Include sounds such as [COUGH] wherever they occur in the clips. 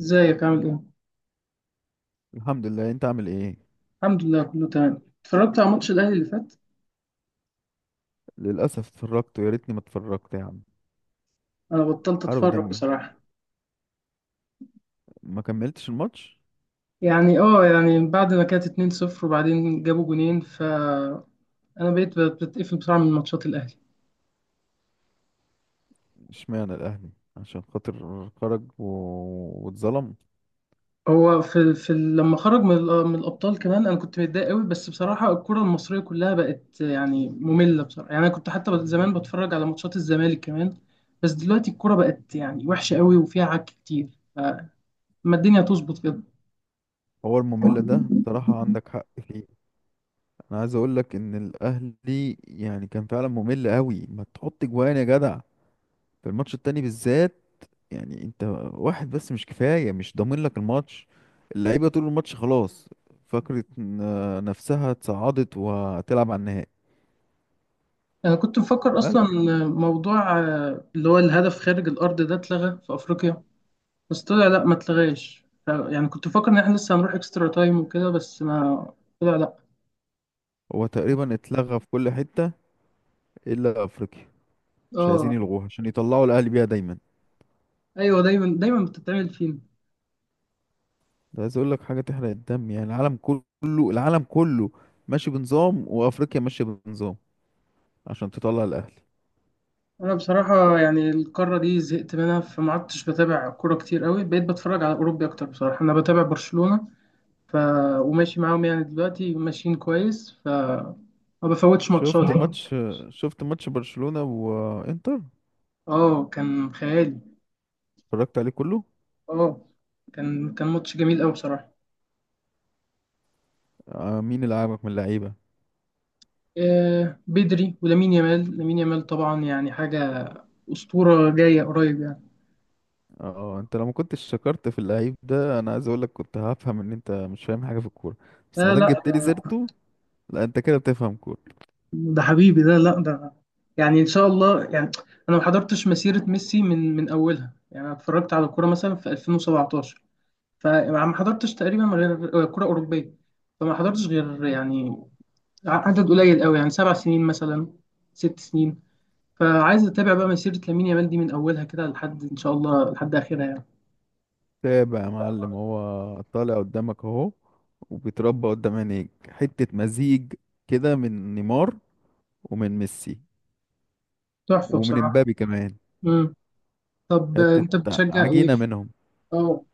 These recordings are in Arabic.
ازيك عامل ايه؟ الحمد لله، انت عامل ايه؟ الحمد لله، كله تمام. اتفرجت على ماتش الاهلي اللي فات. للاسف اتفرجت ويا ريتني ما اتفرجت يا عم. انا بطلت حرق اتفرج دمي. بصراحة. ما كملتش الماتش. يعني بعد ما كانت 2-0 وبعدين جابوا جونين، ف انا بقيت بتقفل بسرعة من ماتشات الاهلي. اشمعنى الاهلي؟ عشان خاطر خرج واتظلم. هو في لما خرج من الابطال كمان. انا كنت متضايق قوي بس بصراحة الكرة المصرية كلها بقت يعني مملة بصراحة. يعني انا كنت حتى زمان بتفرج على ماتشات الزمالك كمان. بس دلوقتي الكرة بقت يعني وحشة قوي وفيها عك كتير. فما الدنيا تظبط كده. هو الممل ده بصراحة عندك حق فيه. انا عايز اقول لك ان الاهلي كان فعلا ممل قوي، ما تحط جوان يا جدع، في الماتش التاني بالذات. يعني انت واحد بس مش كفاية، مش ضامن لك الماتش. اللعيبة طول الماتش خلاص. فكرة نفسها اتصعدت وهتلعب على النهائي أنا كنت مفكر أصلا بلا. موضوع اللي هو الهدف خارج الأرض ده اتلغى في أفريقيا. بس طلع لأ، ما اتلغاش. يعني كنت مفكر إن إحنا لسه هنروح إكسترا تايم وكده، بس ما طلع لأ. هو تقريبا اتلغى في كل حتة إلا أفريقيا. مش عايزين آه. يلغوها عشان يطلعوا الأهلي بيها دايما. أيوه، دايما دايما بتتعمل فينا. ده عايز أقول لك حاجة تحرق الدم، يعني العالم كله، العالم كله ماشي بنظام وأفريقيا ماشية بنظام عشان تطلع الأهلي. أنا بصراحة يعني القارة دي زهقت منها، فما عدتش بتابع كورة كتير قوي. بقيت بتفرج على أوروبي أكتر بصراحة. أنا بتابع برشلونة ف... وماشي معاهم يعني، دلوقتي ماشيين كويس. ف ما بفوتش شفت ماتشات يعني. ماتش شفت ماتش برشلونة وإنتر؟ آه، كان خيالي. اتفرجت عليه كله. اه، كان ماتش جميل قوي بصراحه. مين اللي عاجبك من اللعيبة؟ آه بدري ولامين يامال، لامين يامال طبعا يعني حاجه اسطوره جايه قريب يعني. اه، انت لو ما كنتش شكرت في اللعيب ده انا عايز اقول لك كنت هفهم ان انت مش فاهم حاجة في الكورة، بس ما لا دام لا جبت لي ده، سيرته لا انت كده بتفهم كورة. ده حبيبي ده. لا ده يعني ان شاء الله يعني. انا ما حضرتش مسيره ميسي من اولها يعني. انا اتفرجت على الكوره مثلا في 2017. فما حضرتش تقريبا غير كوره اوروبيه. فما حضرتش غير يعني عدد قليل قوي، يعني 7 سنين مثلا، 6 سنين. فعايز اتابع بقى مسيرة لامين يامال دي من اولها كده لحد ان شاء الله لحد اخرها يعني. تابع يا معلم، هو طالع قدامك اهو وبيتربى قدام عينيك. حتة مزيج كده من نيمار، ومن ميسي، تحفة ومن بصراحة. امبابي كمان. امم. طب، حتة انت بتشجع ايه؟ عجينة منهم. اه.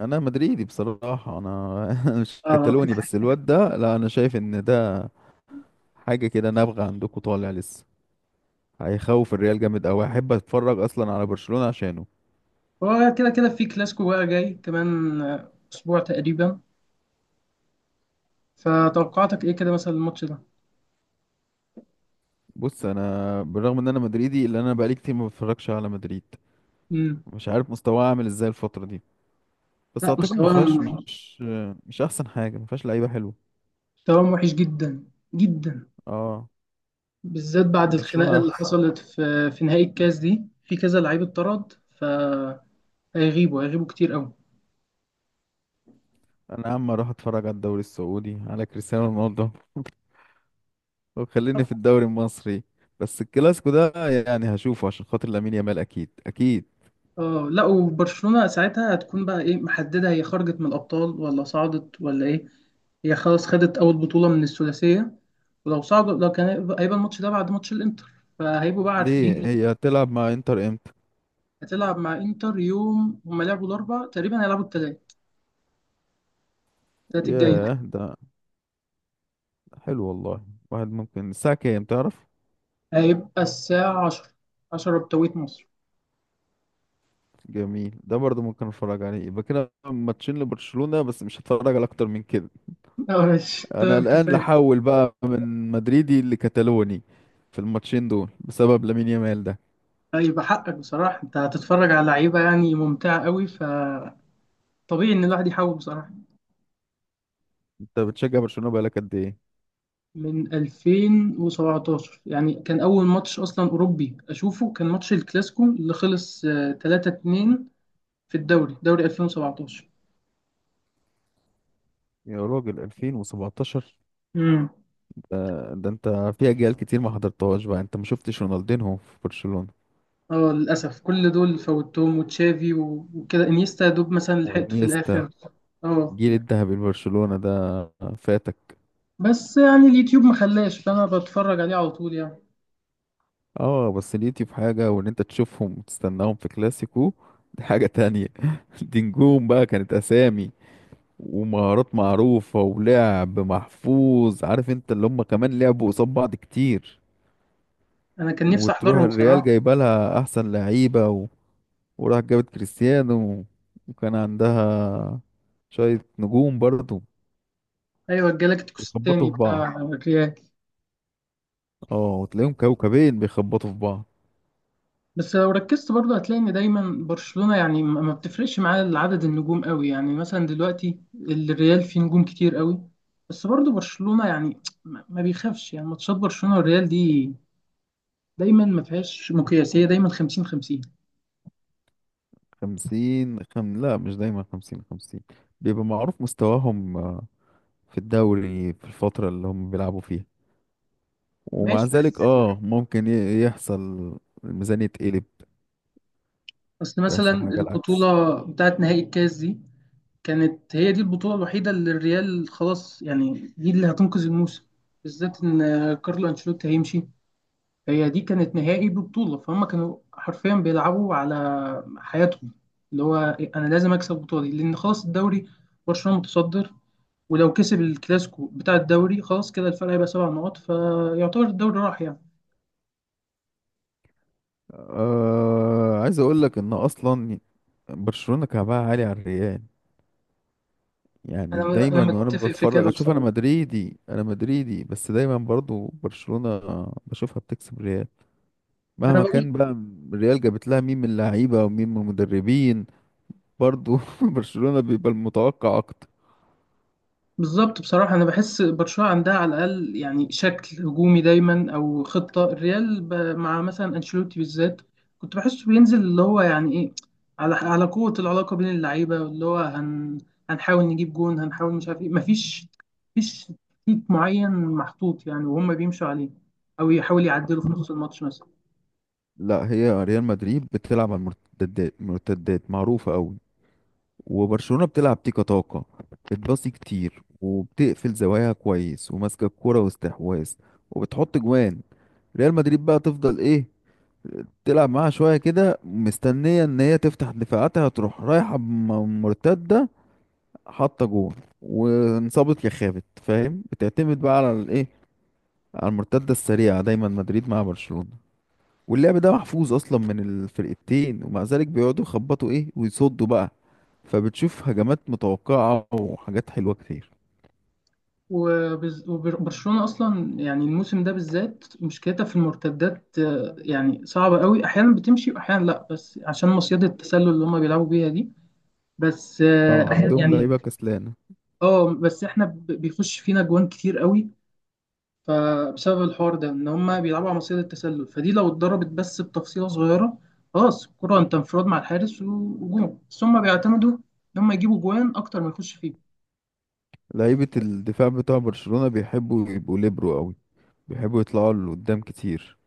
انا مدريدي بصراحة انا [LAUGHS] مش اه. كتالوني، بس الواد ده لا، انا شايف ان ده حاجة كده نابغة عندكم طالع لسه. هيخوف الريال جامد قوي. احب اتفرج اصلا على برشلونة عشانه. هو كده كده في كلاسيكو بقى جاي كمان اسبوع تقريبا. فتوقعاتك ايه كده مثلا الماتش ده؟ بص، انا بالرغم ان انا مدريدي الا انا بقالي كتير ما بتفرجش على مدريد. امم. مش عارف مستواه عامل ازاي الفترة دي، بس لا، اعتقد ما فيهاش مستواهم مش مش احسن حاجه، ما فيهاش لعيبه حلوه. مستواهم وحش جدا، جدا. اه، بالذات بعد برشلونه الخناقة اللي احسن. حصلت في نهائي الكاس دي، في كذا لعيب اتطرد. فهيغيبوا كتير قوي. انا يا عم اروح اتفرج على الدوري السعودي على كريستيانو رونالدو [LAUGHS] وخليني في الدوري المصري. بس الكلاسيكو ده يعني هشوفه عشان خاطر لامين يامال، اكيد اكيد. اه لا، وبرشلونة ساعتها هتكون بقى ايه محددة؟ هي خرجت من الأبطال ولا صعدت ولا ايه؟ هي خلاص خدت أول بطولة من الثلاثية. ولو صعدوا، لو كان هيبقى الماتش ده بعد ماتش الإنتر، فهيبقوا بقى ليه، عارفين. [LAUGHS] هي هتلعب مع انتر امتى؟ هتلعب مع إنتر يوم. هما لعبوا الأربع تقريبا، هيلعبوا التلات، التلات الجاي ده. ياه، ده حلو والله. واحد ممكن الساعه كام تعرف؟ هيبقى الساعة 10، عشرة بتوقيت مصر. جميل، ده برضه ممكن اتفرج عليه. يبقى كده ماتشين لبرشلونه بس، مش هتفرج على اكتر من كده. [LAUGHS] اه ماشي، انا تمام، الان كفاية. لحول بقى من مدريدي لكتالوني في الماتشين دول بسبب لامين يامال ده. هيبقى حقك بصراحة، انت هتتفرج على لعيبة يعني ممتعة قوي فطبيعي ان الواحد يحاول بصراحة. انت بتشجع برشلونة بقالك قد ايه؟ من 2017، يعني كان أول ماتش أصلا أوروبي أشوفه كان ماتش الكلاسيكو اللي خلص 3-2. في الدوري، دوري 2017. يا راجل 2017؟ امم. ده, ده انت في اجيال كتير ما حضرتهاش بقى. انت ما شفتش رونالدينهو في برشلونة اه للأسف، كل دول فوتهم. وتشافي وكده، انيستا يا دوب مثلا لحقته في وانيستا؟ الآخر. اه، جيل الذهبي لبرشلونة ده فاتك. بس يعني اليوتيوب ما خلاش، فأنا بتفرج عليه على طول يعني. اه، بس ليتي في حاجة وان انت تشوفهم وتستناهم في كلاسيكو، دي حاجة تانية. [LAUGHS] دي نجوم بقى، كانت اسامي ومهارات معروفة ولعب محفوظ، عارف انت، اللي هم كمان لعبوا قصاد بعض كتير. أنا كان نفسي وتروح أحضرهم الريال بصراحة. جايبه لها احسن لعيبة وراح جابت كريستيانو، وكان عندها شوية نجوم برضو. أيوة، الجالاكتيكوس بيخبطوا التاني في بتاع بعض. الريال. اه، وتلاقيهم كوكبين بيخبطوا في بعض. بس لو ركزت برضه هتلاقي ان دايما برشلونة يعني ما بتفرقش معاه عدد النجوم قوي، يعني مثلا دلوقتي الريال فيه نجوم كتير قوي. بس برضه برشلونة يعني ما بيخافش، يعني ماتشات برشلونة والريال دي دايما ما فيهاش مقياسية، دايما 50-50. لا، مش دايما خمسين خمسين. بيبقى معروف مستواهم في الدوري، في الفترة اللي هم بيلعبوا فيها. ومع ماشي بس، ذلك اه ممكن يحصل الميزانية تقلب اصل مثلا ويحصل حاجة العكس. البطولة بتاعت نهائي الكاس دي كانت هي دي البطولة الوحيدة اللي الريال خلاص يعني، دي اللي هتنقذ الموسم. بالذات ان كارلو انشيلوتي هيمشي. هي دي كانت نهائي ببطولة، فهم كانوا حرفيا بيلعبوا على حياتهم. اللي هو أنا لازم أكسب البطولة دي، لأن خلاص الدوري برشلونة متصدر. ولو كسب الكلاسيكو بتاع الدوري، خلاص كده الفرق هيبقى 7 نقط، فيعتبر الدوري راح يعني. أه، عايز اقول لك ان اصلا برشلونة كعبها عالي على الريال. أنا يعني دايما أنا وانا متفق في بتفرج كده اشوف، بصراحة. انا مدريدي بس دايما برضو برشلونة بشوفها بتكسب ريال أنا مهما بقول، كان بقى. الريال جابت لها مين من اللعيبة ومين من المدربين، برضو [LAUGHS] برشلونة بيبقى المتوقع اكتر. بالظبط بصراحة، أنا بحس برشلونة عندها على الأقل يعني شكل هجومي دايما. أو خطة الريال مع مثلا أنشيلوتي بالذات، كنت بحسه بينزل اللي هو يعني إيه، على قوة العلاقة بين اللعيبة، واللي هو هنحاول نجيب جون، هنحاول مش عارف إيه. مفيش تكتيك معين محطوط يعني وهم بيمشوا عليه، أو يحاول يعدلوا في نص الماتش مثلا. لا، هي ريال مدريد بتلعب على المرتدات، المرتدات معروفة قوي، وبرشلونة بتلعب تيكا تاكا، بتباصي كتير وبتقفل زواياها كويس وماسكة الكورة واستحواذ وبتحط جوان. ريال مدريد بقى تفضل ايه؟ تلعب معاها شوية كده مستنية ان هي تفتح دفاعاتها، تروح رايحة مرتدة، حاطة جون، وانصابت يا خابت. فاهم؟ بتعتمد بقى على الايه، على المرتدة السريعة دايما مدريد مع برشلونة. واللعب ده محفوظ اصلا من الفرقتين، ومع ذلك بيقعدوا يخبطوا ايه ويصدوا بقى. فبتشوف هجمات متوقعة وحاجات حلوة كتير. وبرشلونة أصلا يعني الموسم ده بالذات مشكلتها في المرتدات. يعني صعبة قوي، أحيانا بتمشي وأحيانا لأ، بس عشان مصيدة التسلل اللي هما بيلعبوا بيها دي. بس اه أحيانا عندهم يعني. لعيبة كسلانة. اه، بس احنا بيخش فينا جوان كتير قوي، فبسبب الحوار ده ان هما بيلعبوا على مصيدة التسلل، فدي لو اتضربت بس بتفصيلة صغيرة، خلاص الكرة انت انفراد مع الحارس وجون. بس هما بيعتمدوا ان هما يجيبوا جوان أكتر ما يخش فيه. لعيبة الدفاع بتاع برشلونة بيحبوا يبقوا ليبرو قوي، بيحبوا يطلعوا لقدام كتير.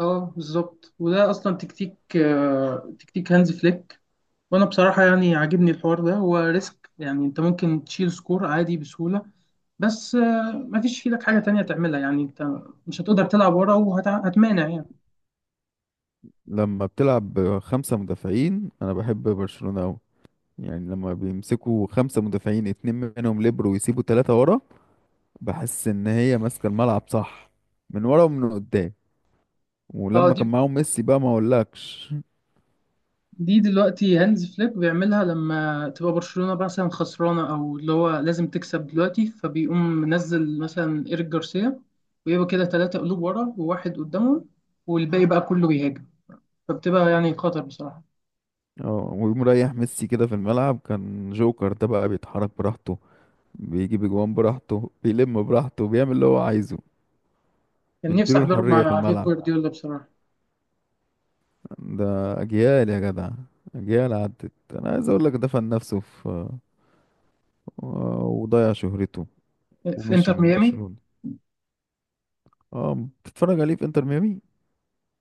اه بالظبط، وده اصلا تكتيك تكتيك هانز فليك. وانا بصراحه يعني عاجبني الحوار ده، هو ريسك يعني، انت ممكن تشيل سكور عادي بسهوله. بس مفيش في ايدك حاجه تانية تعملها يعني، انت مش هتقدر تلعب ورا وهتمانع يعني. لما بتلعب بخمسة مدافعين انا بحب برشلونة قوي. يعني لما بيمسكوا خمسة مدافعين، اتنين منهم ليبرو ويسيبوا تلاتة ورا، بحس ان هي ماسكة الملعب صح من ورا ومن قدام. اه، ولما دي كان معاهم ميسي بقى ما اقولكش. دي دلوقتي هانز فليك بيعملها لما تبقى برشلونه مثلا خسرانه، او اللي هو لازم تكسب دلوقتي، فبيقوم منزل مثلا ايريك جارسيا. ويبقى كده 3 قلوب ورا وواحد قدامهم، والباقي بقى كله بيهاجم، فبتبقى يعني خطر بصراحه. اه، ويقوم رايح ميسي كده في الملعب كان جوكر. ده بقى بيتحرك براحته، بيجي بجوان براحته، بيلم براحته، بيعمل اللي هو عايزه. كان نفسي مديله احضره الحرية في مع بيب الملعب. جوارديولا بصراحه. ده أجيال يا جدع، أجيال عدت. أنا عايز أقول لك دفن نفسه في وضيع شهرته في ومشي انتر من ميامي. برشلونة. اه، بتتفرج عليه في انتر ميامي؟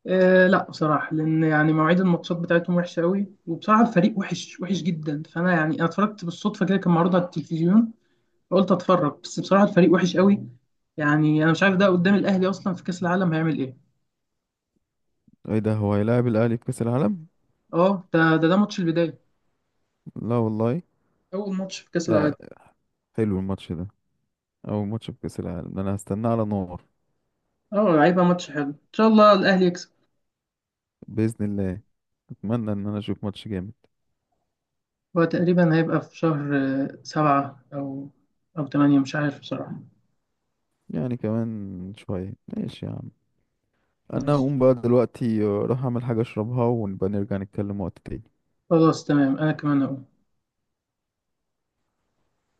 آه لا بصراحه، لان يعني مواعيد الماتشات بتاعتهم وحشه قوي، وبصراحه الفريق وحش وحش جدا. فانا يعني انا اتفرجت بالصدفه كده، كان معروض على التلفزيون، فقلت اتفرج. بس بصراحه الفريق وحش قوي. يعني انا مش عارف ده قدام الاهلي اصلا في كاس العالم هيعمل ايه. ايه ده، هو هيلاعب الأهلي في كأس العالم؟ اه، ده ماتش البدايه، لا والله. اول ماتش في كاس العالم. لا. حلو الماتش ده، أول ماتش في كأس العالم ده أنا هستناه على نار. اه، هيبقى ماتش حلو، ان شاء الله الاهلي يكسب. بإذن الله أتمنى إن أنا أشوف ماتش جامد. هو تقريبا هيبقى في شهر 7 او 8، مش عارف بصراحه. يعني كمان شوية، ماشي يا عم. انا ماشي. هقوم بقى دلوقتي اروح اعمل حاجة اشربها ونبقى نرجع نتكلم وقت تاني. خلاص تمام، انا كمان اقول